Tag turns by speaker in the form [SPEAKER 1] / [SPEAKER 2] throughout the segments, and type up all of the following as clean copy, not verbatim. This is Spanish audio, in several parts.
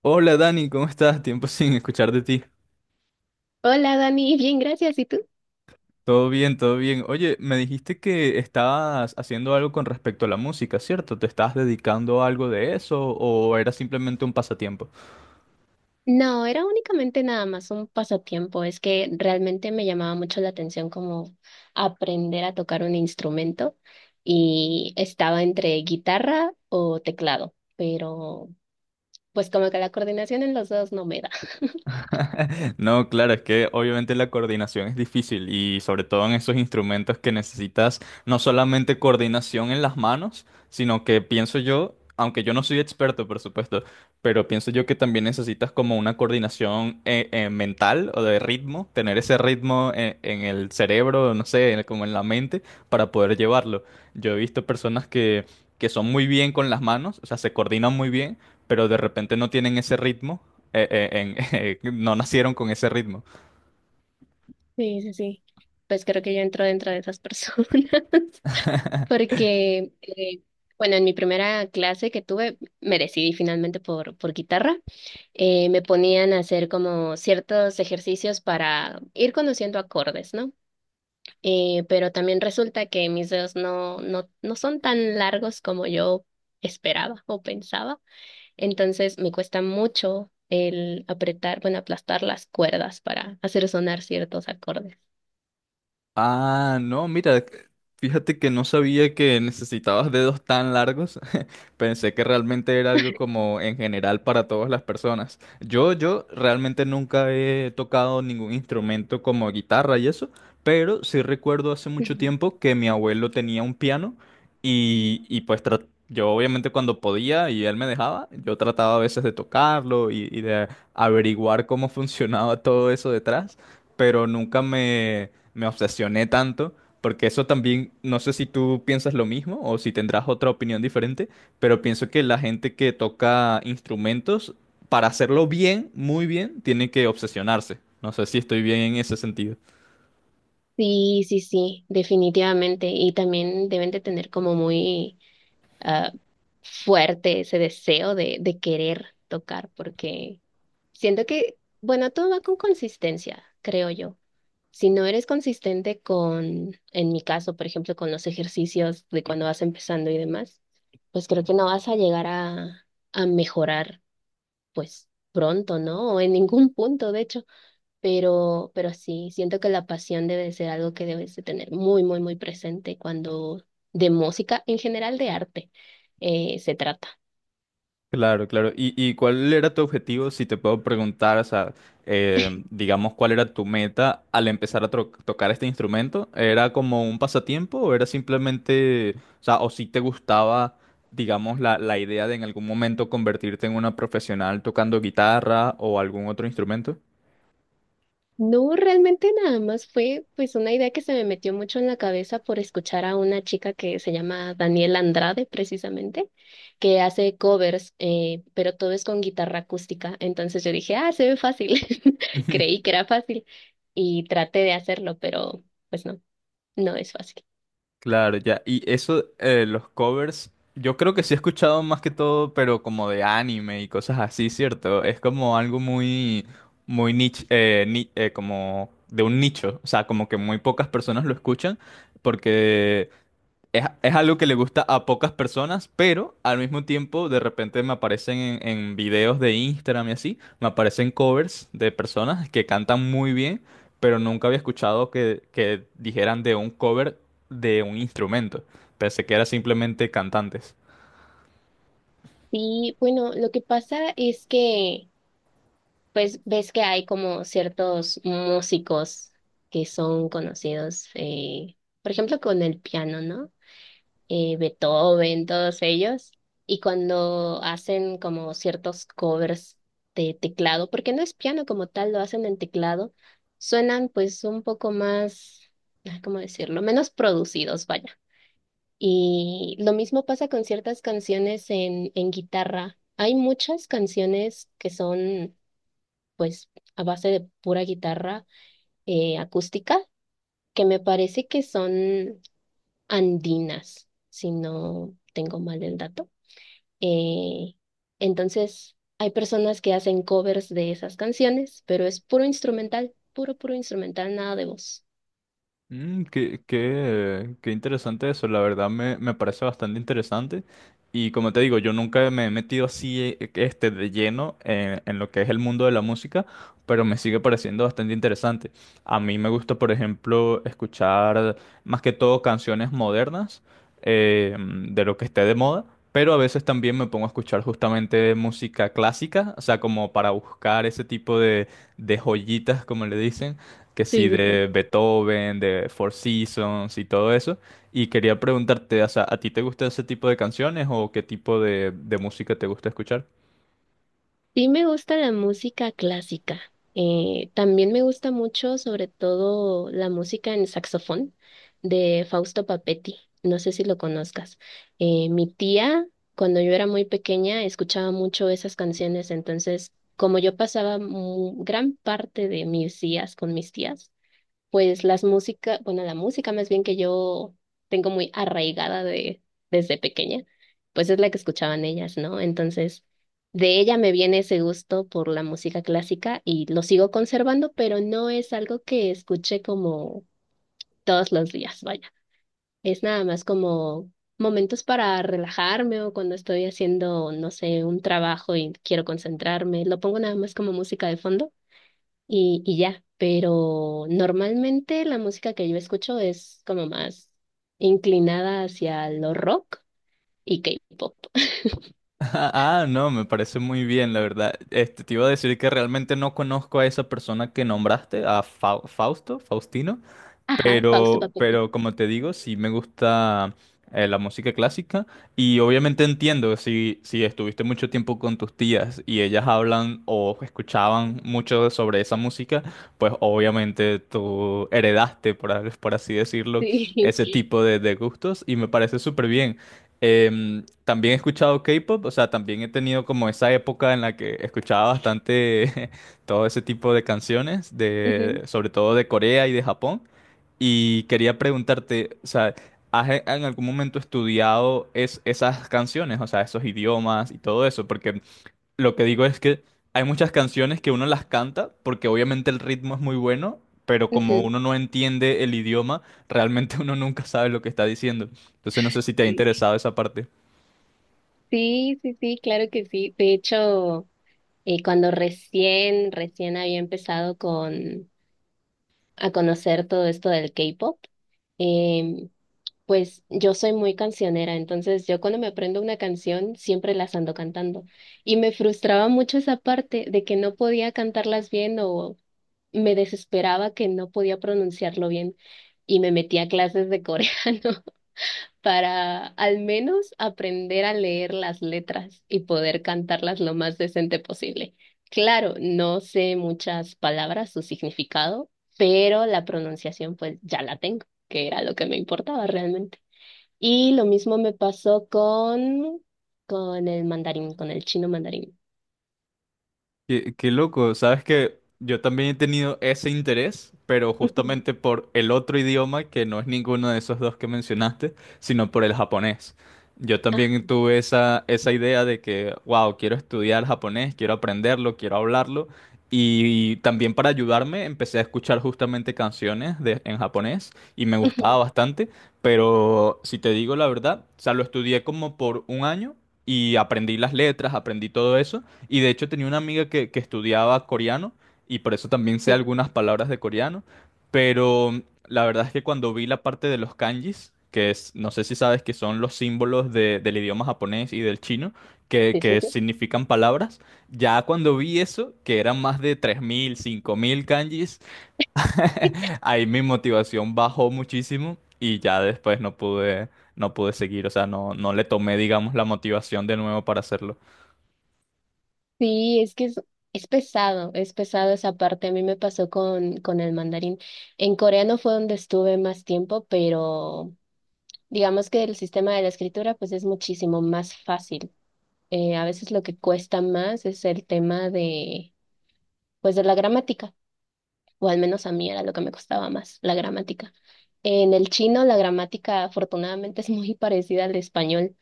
[SPEAKER 1] Hola Dani, ¿cómo estás? Tiempo sin escuchar de ti.
[SPEAKER 2] Hola Dani, bien, gracias. ¿Y tú?
[SPEAKER 1] Todo bien, todo bien. Oye, me dijiste que estabas haciendo algo con respecto a la música, ¿cierto? ¿Te estabas dedicando a algo de eso o era simplemente un pasatiempo?
[SPEAKER 2] No, era únicamente nada más un pasatiempo. Es que realmente me llamaba mucho la atención como aprender a tocar un instrumento y estaba entre guitarra o teclado, pero pues como que la coordinación en los dos no me da.
[SPEAKER 1] No, claro, es que obviamente la coordinación es difícil y sobre todo en esos instrumentos que necesitas no solamente coordinación en las manos, sino que pienso yo, aunque yo no soy experto, por supuesto, pero pienso yo que también necesitas como una coordinación mental o de ritmo, tener ese ritmo en el cerebro, no sé, como en la mente, para poder llevarlo. Yo he visto personas que son muy bien con las manos, o sea, se coordinan muy bien, pero de repente no tienen ese ritmo no nacieron con ese ritmo.
[SPEAKER 2] Sí, sí, sí. Pues creo que yo entro dentro de esas personas. Porque, bueno, en mi primera clase que tuve, me decidí finalmente por guitarra. Me ponían a hacer como ciertos ejercicios para ir conociendo acordes, ¿no? Pero también resulta que mis dedos no son tan largos como yo esperaba o pensaba. Entonces me cuesta mucho el apretar, bueno, aplastar las cuerdas para hacer sonar ciertos acordes.
[SPEAKER 1] Ah, no, mira, fíjate que no sabía que necesitabas dedos tan largos. Pensé que realmente era algo como en general para todas las personas. Yo realmente nunca he tocado ningún instrumento como guitarra y eso, pero sí recuerdo hace mucho tiempo que mi abuelo tenía un piano y pues yo obviamente cuando podía y él me dejaba, yo trataba a veces de tocarlo y de averiguar cómo funcionaba todo eso detrás, pero nunca me obsesioné tanto, porque eso también, no sé si tú piensas lo mismo o si tendrás otra opinión diferente, pero pienso que la gente que toca instrumentos, para hacerlo bien, muy bien, tiene que obsesionarse. No sé si estoy bien en ese sentido.
[SPEAKER 2] Sí, sí, sí, definitivamente. Y también deben de tener como muy ah, fuerte ese deseo de querer tocar, porque siento que, bueno, todo va con consistencia, creo yo. Si no eres consistente con, en mi caso, por ejemplo, con los ejercicios de cuando vas empezando y demás, pues creo que no vas a llegar a mejorar, pues pronto, ¿no? O en ningún punto, de hecho. Pero sí, siento que la pasión debe ser algo que debes de tener muy, muy, muy presente cuando de música, en general de arte, se trata.
[SPEAKER 1] Claro, claro. ¿Y cuál era tu objetivo, si te puedo preguntar, o sea, digamos, ¿cuál era tu meta al empezar a tocar este instrumento? ¿Era como un pasatiempo o era simplemente, o sea, o si te gustaba, digamos, la idea de en algún momento convertirte en una profesional tocando guitarra o algún otro instrumento?
[SPEAKER 2] No, realmente nada más fue pues una idea que se me metió mucho en la cabeza por escuchar a una chica que se llama Daniela Andrade, precisamente, que hace covers, pero todo es con guitarra acústica. Entonces yo dije, ah, se ve fácil. Creí que era fácil y traté de hacerlo, pero pues no, no es fácil.
[SPEAKER 1] Claro, ya. Y eso, los covers, yo creo que sí he escuchado más que todo, pero como de anime y cosas así, ¿cierto? Es como algo muy, muy niche, como de un nicho, o sea, como que muy pocas personas lo escuchan, porque es algo que le gusta a pocas personas, pero al mismo tiempo de repente me aparecen en videos de Instagram y así, me aparecen covers de personas que cantan muy bien, pero nunca había escuchado que dijeran de un cover de un instrumento. Pensé que era simplemente cantantes.
[SPEAKER 2] Sí, bueno, lo que pasa es que, pues, ves que hay como ciertos músicos que son conocidos, por ejemplo, con el piano, ¿no? Beethoven, todos ellos, y cuando hacen como ciertos covers de teclado, porque no es piano como tal, lo hacen en teclado, suenan pues un poco más, ah, ¿cómo decirlo? Menos producidos, vaya. Y lo mismo pasa con ciertas canciones en guitarra. Hay muchas canciones que son, pues, a base de pura guitarra acústica, que me parece que son andinas, si no tengo mal el dato. Eh, entonces, hay personas que hacen covers de esas canciones, pero es puro instrumental, puro, puro instrumental, nada de voz.
[SPEAKER 1] Mm, qué interesante eso, la verdad me parece bastante interesante. Y como te digo, yo nunca me he metido así este, de lleno en lo que es el mundo de la música, pero me sigue pareciendo bastante interesante. A mí me gusta, por ejemplo, escuchar más que todo canciones modernas de lo que esté de moda, pero a veces también me pongo a escuchar justamente música clásica, o sea, como para buscar ese tipo de joyitas, como le dicen que sí,
[SPEAKER 2] Sí, sí, sí.
[SPEAKER 1] de Beethoven, de Four Seasons y todo eso. Y quería preguntarte, o sea, ¿a ti te gusta ese tipo de canciones o qué tipo de música te gusta escuchar?
[SPEAKER 2] Sí me gusta la música clásica. También me gusta mucho, sobre todo, la música en saxofón de Fausto Papetti. No sé si lo conozcas. Mi tía, cuando yo era muy pequeña, escuchaba mucho esas canciones. Entonces, como yo pasaba gran parte de mis días con mis tías, pues las música bueno, la música más bien que yo tengo muy arraigada de, desde pequeña, pues es la que escuchaban ellas, ¿no? Entonces, de ella me viene ese gusto por la música clásica y lo sigo conservando, pero no es algo que escuche como todos los días, vaya. Es nada más como momentos para relajarme o cuando estoy haciendo, no sé, un trabajo y quiero concentrarme. Lo pongo nada más como música de fondo y ya, pero normalmente la música que yo escucho es como más inclinada hacia lo rock y K-pop.
[SPEAKER 1] Ah, no, me parece muy bien, la verdad. Este, te iba a decir que realmente no conozco a esa persona que nombraste, a Fausto, Faustino.
[SPEAKER 2] Ajá, Fausto Papetti.
[SPEAKER 1] Pero como te digo, sí me gusta la música clásica y obviamente entiendo si estuviste mucho tiempo con tus tías y ellas hablan o escuchaban mucho sobre esa música, pues obviamente tú heredaste, por así decirlo,
[SPEAKER 2] Sí.
[SPEAKER 1] ese tipo de gustos y me parece súper bien. Em, también he escuchado K-pop, o sea, también he tenido como esa época en la que escuchaba bastante todo ese tipo de canciones,
[SPEAKER 2] Ujú,
[SPEAKER 1] de, sobre todo de Corea y de Japón. Y quería preguntarte, o sea, ¿has en algún momento estudiado esas canciones, o sea, esos idiomas y todo eso? Porque lo que digo es que hay muchas canciones que uno las canta porque obviamente el ritmo es muy bueno, pero como
[SPEAKER 2] ujú.
[SPEAKER 1] uno no entiende el idioma, realmente uno nunca sabe lo que está diciendo. Entonces no sé si te ha
[SPEAKER 2] Sí,
[SPEAKER 1] interesado esa parte.
[SPEAKER 2] sí, sí, sí, claro que sí. De hecho, cuando recién había empezado con a conocer todo esto del K-pop, em, pues yo soy muy cancionera, entonces yo cuando me aprendo una canción siempre las ando cantando. Y me frustraba mucho esa parte de que no podía cantarlas bien o me desesperaba que no podía pronunciarlo bien. Y me metí a clases de coreano para al menos aprender a leer las letras y poder cantarlas lo más decente posible. Claro, no sé muchas palabras, su significado, pero la pronunciación pues ya la tengo, que era lo que me importaba realmente. Y lo mismo me pasó con el mandarín, con el chino mandarín.
[SPEAKER 1] Qué, qué loco, sabes que yo también he tenido ese interés, pero
[SPEAKER 2] Ujú.
[SPEAKER 1] justamente por el otro idioma que no es ninguno de esos dos que mencionaste, sino por el japonés. Yo
[SPEAKER 2] Ah,
[SPEAKER 1] también tuve esa idea de que, wow, quiero estudiar japonés, quiero aprenderlo, quiero hablarlo. Y, también para ayudarme empecé a escuchar justamente canciones en japonés y me gustaba
[SPEAKER 2] ujú.
[SPEAKER 1] bastante, pero si te digo la verdad, o sea, lo estudié como por 1 año y aprendí las letras, aprendí todo eso y de hecho tenía una amiga que estudiaba coreano y por eso también sé
[SPEAKER 2] Sí,
[SPEAKER 1] algunas palabras de coreano, pero la verdad es que cuando vi la parte de los kanjis, que es, no sé si sabes que son los símbolos del idioma japonés y del chino,
[SPEAKER 2] sí, sí,
[SPEAKER 1] que
[SPEAKER 2] sí.
[SPEAKER 1] significan palabras, ya cuando vi eso, que eran más de 3.000 5.000 kanjis, ahí mi motivación bajó muchísimo y ya después no pude, no pude seguir, o sea, no, no le tomé, digamos, la motivación de nuevo para hacerlo.
[SPEAKER 2] Sí, es que es, es pesado esa parte. A mí me pasó con el mandarín. En coreano fue donde estuve más tiempo, pero digamos que el sistema de la escritura pues es muchísimo más fácil. A veces lo que cuesta más es el tema de, pues de la gramática. O al menos a mí era lo que me costaba más, la gramática. En el chino la gramática afortunadamente es muy parecida al español,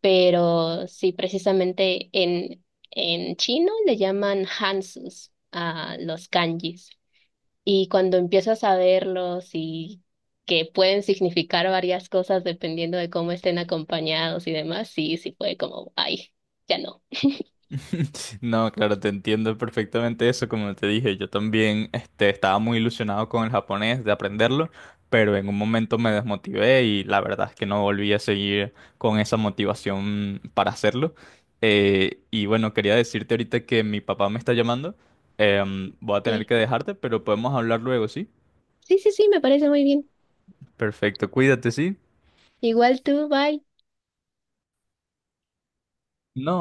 [SPEAKER 2] pero sí, precisamente en chino le llaman hansus a los kanjis. Y cuando empiezas a verlos y que pueden significar varias cosas dependiendo de cómo estén acompañados y demás, sí, sí fue como, ay, ya no.
[SPEAKER 1] No, claro, te entiendo perfectamente eso. Como te dije, yo también este, estaba muy ilusionado con el japonés de aprenderlo, pero en un momento me desmotivé y la verdad es que no volví a seguir con esa motivación para hacerlo. Y bueno, quería decirte ahorita que mi papá me está llamando. Em, voy a
[SPEAKER 2] Ok.
[SPEAKER 1] tener que dejarte, pero podemos hablar luego, ¿sí?
[SPEAKER 2] Sí, sí, sí, me parece muy bien.
[SPEAKER 1] Perfecto, cuídate, ¿sí?
[SPEAKER 2] Igual tú, bye.
[SPEAKER 1] No.